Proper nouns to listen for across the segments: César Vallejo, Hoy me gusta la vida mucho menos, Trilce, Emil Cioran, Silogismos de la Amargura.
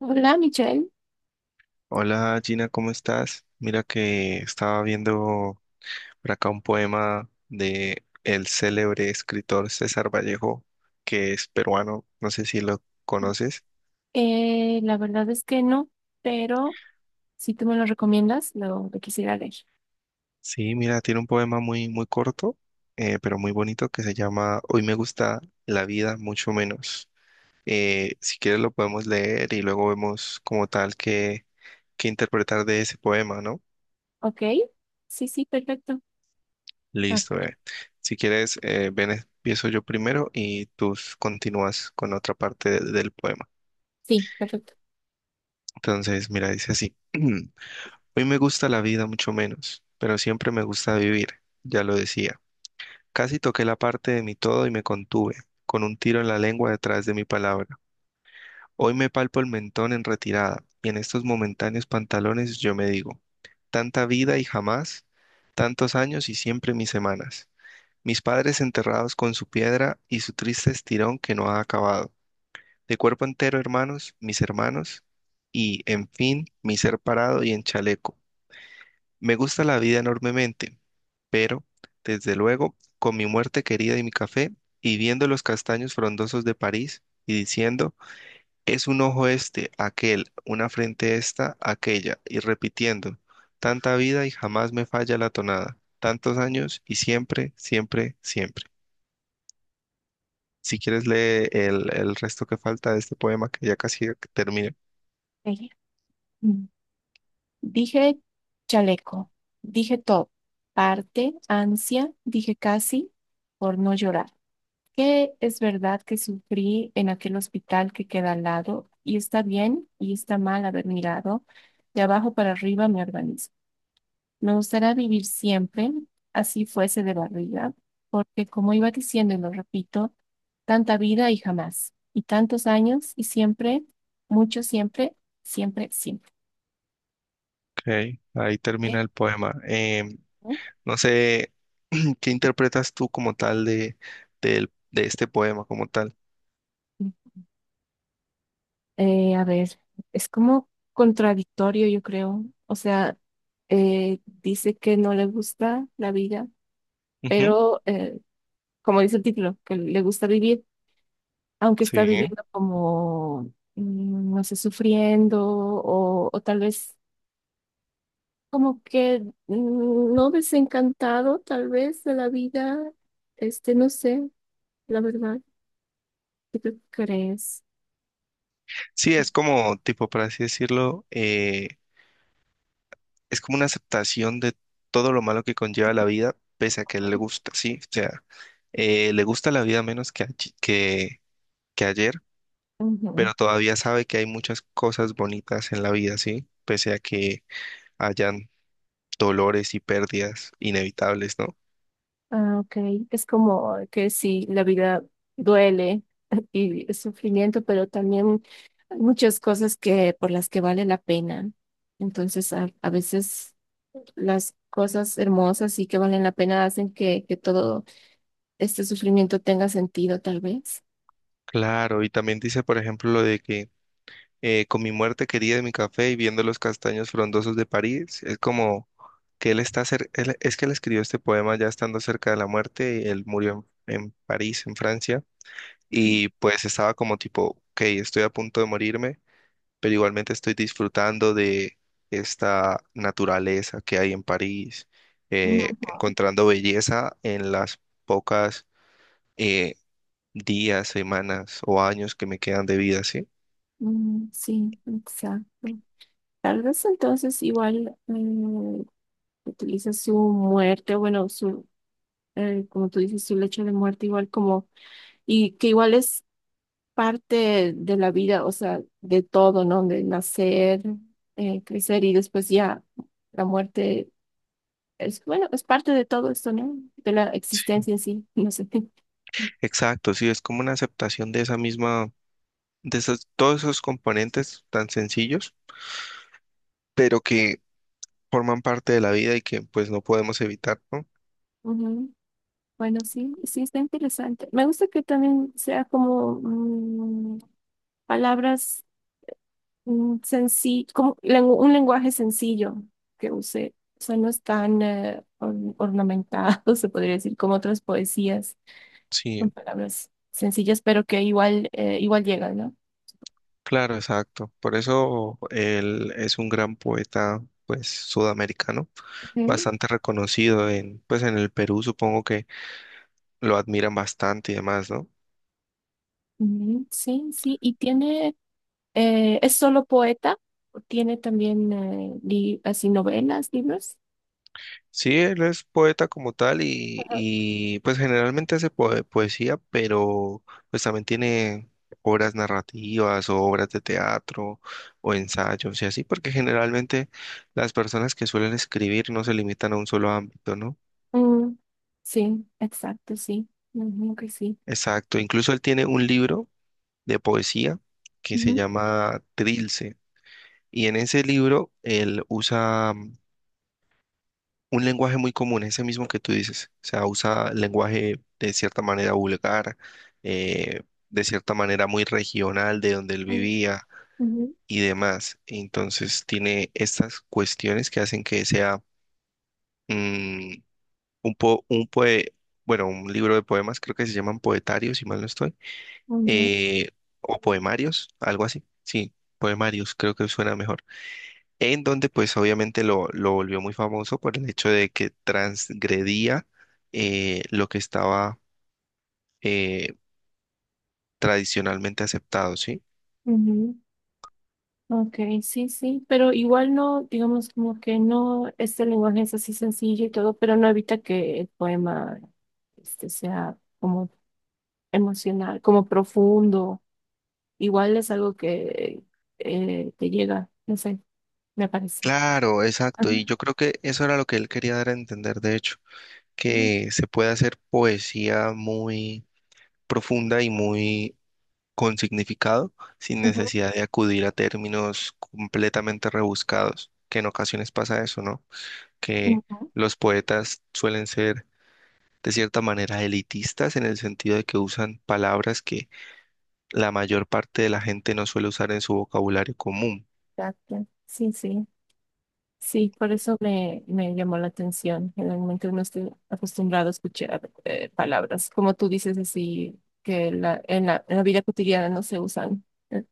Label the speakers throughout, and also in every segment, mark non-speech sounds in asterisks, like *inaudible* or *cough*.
Speaker 1: Hola, Michelle.
Speaker 2: Hola Gina, ¿cómo estás? Mira que estaba viendo por acá un poema de el célebre escritor César Vallejo, que es peruano, no sé si lo conoces.
Speaker 1: La verdad es que no, pero si tú me lo recomiendas, lo quisiera leer.
Speaker 2: Sí, mira, tiene un poema muy, muy corto, pero muy bonito que se llama Hoy me gusta la vida mucho menos. Si quieres lo podemos leer y luego vemos como tal que interpretar de ese poema, ¿no?
Speaker 1: ¿Ok? Sí, sí, perfecto. Ah,
Speaker 2: Listo, bebé. Si quieres, ven, empiezo yo primero y continúas con otra parte del poema.
Speaker 1: sí, perfecto.
Speaker 2: Entonces, mira, dice así. *clears throat* Hoy me gusta la vida mucho menos, pero siempre me gusta vivir, ya lo decía. Casi toqué la parte de mi todo y me contuve, con un tiro en la lengua detrás de mi palabra. Hoy me palpo el mentón en retirada y en estos momentáneos pantalones yo me digo, tanta vida y jamás, tantos años y siempre mis semanas. Mis padres enterrados con su piedra y su triste estirón que no ha acabado. De cuerpo entero, hermanos, mis hermanos, y, en fin, mi ser parado y en chaleco. Me gusta la vida enormemente, pero, desde luego, con mi muerte querida y mi café, y viendo los castaños frondosos de París, y diciendo, es un ojo este, aquel, una frente esta, aquella, y repitiendo, tanta vida y jamás me falla la tonada, tantos años y siempre, siempre, siempre. Si quieres lee el resto que falta de este poema, que ya casi termina.
Speaker 1: Ahí. Mm. Dije chaleco, dije todo, parte, ansia, dije casi, por no llorar. Que es verdad que sufrí en aquel hospital que queda al lado, y está bien y está mal haber mirado de abajo para arriba mi organismo. Me gustaría vivir siempre, así fuese de barriga, porque como iba diciendo y lo repito, tanta vida y jamás, y tantos años y siempre, mucho siempre, siempre, siempre.
Speaker 2: Ok, ahí termina
Speaker 1: ¿Eh?
Speaker 2: el poema.
Speaker 1: ¿No?
Speaker 2: No sé *clears throat* qué interpretas tú como tal de este poema, como tal.
Speaker 1: A ver, es como contradictorio, yo creo. O sea, dice que no le gusta la vida,
Speaker 2: Ujú.
Speaker 1: pero como dice el título, que le gusta vivir, aunque está
Speaker 2: Sí.
Speaker 1: viviendo como, no sé, sufriendo o tal vez como que no, desencantado tal vez de la vida, este, no sé, la verdad, ¿qué tú crees?
Speaker 2: Sí, es como, tipo, por así decirlo, es como una aceptación de todo lo malo que conlleva la vida, pese a que le gusta, sí. O sea, le gusta la vida menos que ayer,
Speaker 1: Ujú.
Speaker 2: pero todavía sabe que hay muchas cosas bonitas en la vida, ¿sí? Pese a que hayan dolores y pérdidas inevitables, ¿no?
Speaker 1: Ah, ok, es como que sí, la vida duele *laughs* y es sufrimiento, pero también hay muchas cosas que por las que vale la pena. Entonces, a veces las cosas hermosas y que valen la pena hacen que todo este sufrimiento tenga sentido, tal vez.
Speaker 2: Claro, y también dice, por ejemplo, lo de que con mi muerte querida de mi café y viendo los castaños frondosos de París, es como que él está cer- él- es que él escribió este poema ya estando cerca de la muerte, y él murió en París, en Francia,
Speaker 1: Ok.
Speaker 2: y pues estaba como tipo, ok, estoy a punto de morirme pero igualmente estoy disfrutando de esta naturaleza que hay en París,
Speaker 1: Ujú.
Speaker 2: encontrando belleza en las pocas eh, días, semanas o años que me quedan de vida, ¿sí?
Speaker 1: Mm, sí, exacto. Tal vez entonces igual utiliza su muerte, bueno, su, como tú dices, su lecho de muerte igual como, y que igual es parte de la vida, o sea, de todo, ¿no? De nacer, crecer y después ya la muerte es, bueno, es parte de todo esto, ¿no? De la
Speaker 2: Sí.
Speaker 1: existencia en sí, no sé. *laughs*
Speaker 2: Exacto, sí, es como una aceptación de esa misma, de esos, todos esos componentes tan sencillos, pero que forman parte de la vida y que pues no podemos evitar, ¿no?
Speaker 1: Ujú. Bueno, sí, sí está interesante. Me gusta que también sea como mm, palabras un lenguaje sencillo que use. O sea, no es tan ornamentado, *laughs* se podría decir, como otras poesías,
Speaker 2: Sí.
Speaker 1: con palabras sencillas, pero que igual, igual llegan, ¿no?
Speaker 2: Claro, exacto. Por eso él es un gran poeta, pues, sudamericano,
Speaker 1: Ujú,
Speaker 2: bastante reconocido en, pues, en el Perú, supongo que lo admiran bastante y demás, ¿no?
Speaker 1: ujú, sí, sí. Y tiene, ¿es solo poeta? ¿O tiene también así novelas, libros?
Speaker 2: Sí, él es poeta como tal
Speaker 1: Ajá.
Speaker 2: y pues generalmente hace poesía, pero pues también tiene obras narrativas o obras de teatro o ensayos y así, porque generalmente las personas que suelen escribir no se limitan a un solo ámbito, ¿no?
Speaker 1: Mm, sí, exacto, sí. Ujú, que sí.
Speaker 2: Exacto, incluso él tiene un libro de poesía que se
Speaker 1: Ujú,
Speaker 2: llama Trilce. Y en ese libro él usa un lenguaje muy común, ese mismo que tú dices. O sea, usa lenguaje de cierta manera vulgar, eh, de cierta manera muy regional de donde él
Speaker 1: ujú,
Speaker 2: vivía
Speaker 1: ujú,
Speaker 2: y demás. Entonces tiene estas cuestiones que hacen que sea mm, un po- un poe- bueno, un libro de poemas, creo que se llaman poetarios, si mal no estoy,
Speaker 1: mm, ya,
Speaker 2: eh, o poemarios, algo así. Sí, poemarios, creo que suena mejor en donde pues obviamente lo volvió muy famoso por el hecho de que transgredía lo que estaba eh, tradicionalmente aceptado, ¿sí?
Speaker 1: ujú. Ok, sí, sí, pero igual no, digamos como que no, este lenguaje es así sencillo y todo, pero no evita que el poema este, sea como emocional, como profundo. Igual es algo que te llega, no sé, me parece.
Speaker 2: Claro, exacto, y
Speaker 1: Ajá.
Speaker 2: yo creo que eso era lo que él quería dar a entender, de hecho,
Speaker 1: Mm,
Speaker 2: que se puede hacer poesía muy profunda y muy con significado sin
Speaker 1: ujú,
Speaker 2: necesidad de acudir a términos completamente rebuscados, que en ocasiones pasa eso, ¿no? Que
Speaker 1: ujú.
Speaker 2: los poetas suelen ser de cierta manera elitistas en el sentido de que usan palabras que la mayor parte de la gente no suele usar en su vocabulario común.
Speaker 1: Exacto. Sí, sí. Sí, por eso me llamó la atención. Generalmente uno está acostumbrado a escuchar palabras, como tú dices, así que en la vida cotidiana no se usan.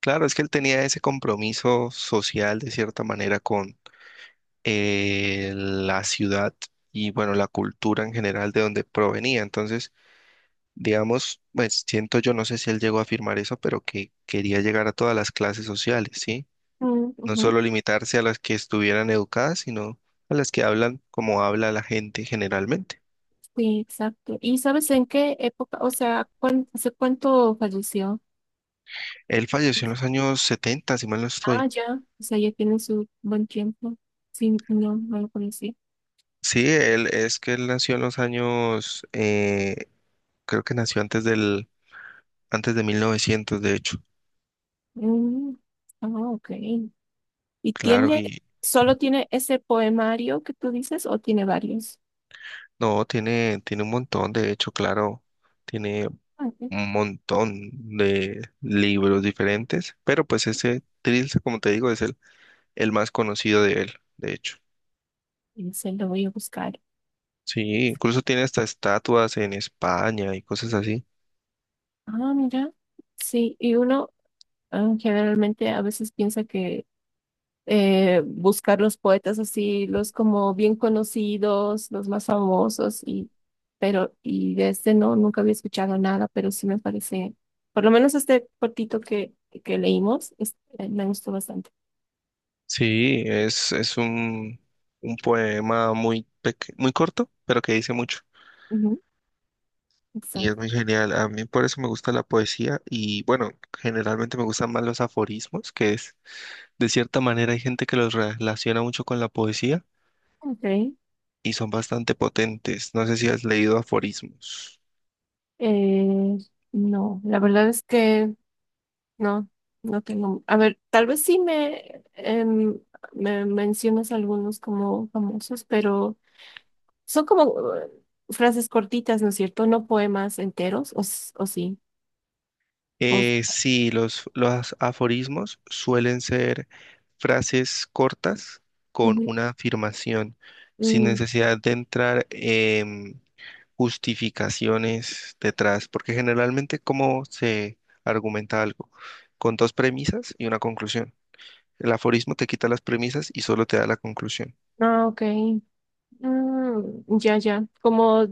Speaker 2: Claro, es que él tenía ese compromiso social de cierta manera con la ciudad y bueno, la cultura en general de donde provenía. Entonces, digamos, pues siento yo, no sé si él llegó a afirmar eso, pero que quería llegar a todas las clases sociales, ¿sí?
Speaker 1: Mm,
Speaker 2: No
Speaker 1: ujú.
Speaker 2: solo limitarse a las que estuvieran educadas, sino a las que hablan como habla la gente generalmente.
Speaker 1: Sí, exacto. ¿Y sabes en qué época? O sea, ¿hace cuánto falleció?
Speaker 2: Él falleció en los años 70, si mal no
Speaker 1: Ah,
Speaker 2: estoy.
Speaker 1: ya. O sea, ya tiene su buen tiempo. Sí, no, no lo conocí.
Speaker 2: Sí, él es que él nació en los años, creo que nació antes de 1900, de hecho.
Speaker 1: Mm, ah, ok. ¿Y
Speaker 2: Claro,
Speaker 1: tiene,
Speaker 2: y
Speaker 1: solo tiene ese poemario que tú dices o tiene varios?
Speaker 2: no, tiene un montón, de hecho, claro, tiene
Speaker 1: Ah, ok.
Speaker 2: un montón de libros diferentes, pero pues ese Trilce, como te digo, es el más conocido de él, de hecho.
Speaker 1: Y se lo voy a buscar.
Speaker 2: Sí, incluso tiene hasta estatuas en España y cosas así.
Speaker 1: Ah, mira. Sí, y uno ah, generalmente a veces piensa que buscar los poetas así, los como bien conocidos, los más famosos, y, pero, y de este no, nunca había escuchado nada, pero sí me parece, por lo menos este cortito que leímos, me gustó bastante.
Speaker 2: Sí, un poema muy, muy corto, pero que dice mucho.
Speaker 1: Ujú,
Speaker 2: Y es
Speaker 1: exacto.
Speaker 2: muy genial. A mí por eso me gusta la poesía y bueno, generalmente me gustan más los aforismos, que es, de cierta manera hay gente que los relaciona mucho con la poesía
Speaker 1: Ok.
Speaker 2: y son bastante potentes. No sé si has leído aforismos.
Speaker 1: Eh, no, la verdad es que no, no tengo, a ver, tal vez sí me mencionas algunos como famosos, pero... Son como frases cortitas, ¿no es cierto? No poemas enteros, o, o sí. O, s-
Speaker 2: Sí, los aforismos suelen ser frases cortas con
Speaker 1: Ujú.
Speaker 2: una afirmación, sin
Speaker 1: Mm,
Speaker 2: necesidad de entrar en justificaciones detrás, porque generalmente cómo se argumenta algo, con dos premisas y una conclusión. El aforismo te quita las premisas y solo te da la conclusión.
Speaker 1: ah, ok. Mm, ya, ya. Como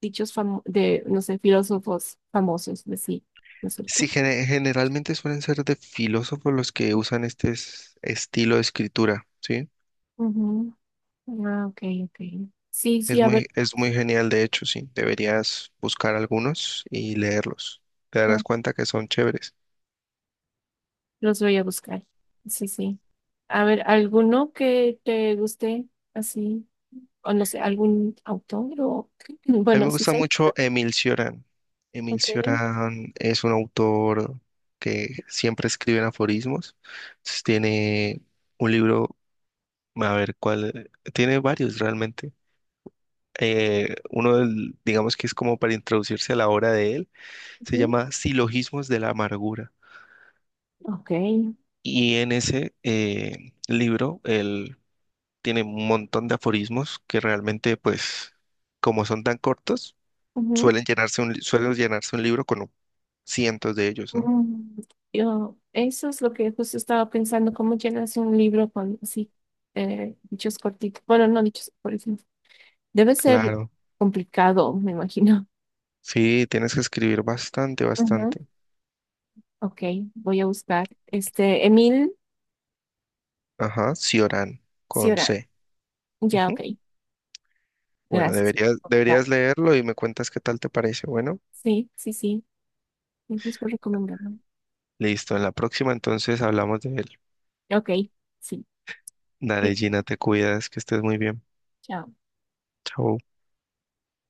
Speaker 1: de, no sé, filósofos famosos, de sí, ¿no es
Speaker 2: Sí,
Speaker 1: cierto?
Speaker 2: generalmente suelen ser de filósofos los que usan estilo de escritura, ¿sí?
Speaker 1: Ujú. Ah, ok, ok. Sí, sí, a ver,
Speaker 2: Es muy genial, de hecho, sí. Deberías buscar algunos y leerlos. Te darás
Speaker 1: no,
Speaker 2: cuenta que son chéveres.
Speaker 1: los voy a buscar. Sí, sí. A ver, ¿alguno que te guste así? O no sé, algún autor o... *clears throat*
Speaker 2: A mí me
Speaker 1: Bueno, sí,
Speaker 2: gusta
Speaker 1: sí.
Speaker 2: mucho Emil Cioran. Emil
Speaker 1: Ok.
Speaker 2: Cioran es un autor que siempre escribe en aforismos. Entonces, tiene un libro, a ver cuál, tiene varios realmente. Uno del, digamos que es como para introducirse a la obra de él, se
Speaker 1: Ujú,
Speaker 2: llama Silogismos de la Amargura.
Speaker 1: ok.
Speaker 2: Y en ese libro, él tiene un montón de aforismos que realmente, pues, como son tan cortos,
Speaker 1: Ujú.
Speaker 2: suelen llenarse un libro con cientos de ellos, ¿no?
Speaker 1: Mm, yo, eso es lo que justo estaba pensando, cómo llenas un libro con así dichos cortitos. Bueno, no dichos, por ejemplo. Debe ser
Speaker 2: Claro.
Speaker 1: complicado, me imagino.
Speaker 2: Sí, tienes que escribir bastante,
Speaker 1: Ujú.
Speaker 2: bastante.
Speaker 1: Ok, voy a buscar. Este, Emil
Speaker 2: Ajá, Cioran, con
Speaker 1: Cioran.
Speaker 2: C.
Speaker 1: Ya,
Speaker 2: Ujú.
Speaker 1: ok.
Speaker 2: Bueno,
Speaker 1: Gracias por recomendar.
Speaker 2: deberías leerlo y me cuentas qué tal te parece. Bueno,
Speaker 1: Sí, sí, sí. Gracias por recomendarme.
Speaker 2: listo. En la próxima entonces hablamos de él.
Speaker 1: Ok, sí.
Speaker 2: Dale,
Speaker 1: Cuídate.
Speaker 2: Gina, te cuidas, que estés muy bien.
Speaker 1: Chao.
Speaker 2: Chao.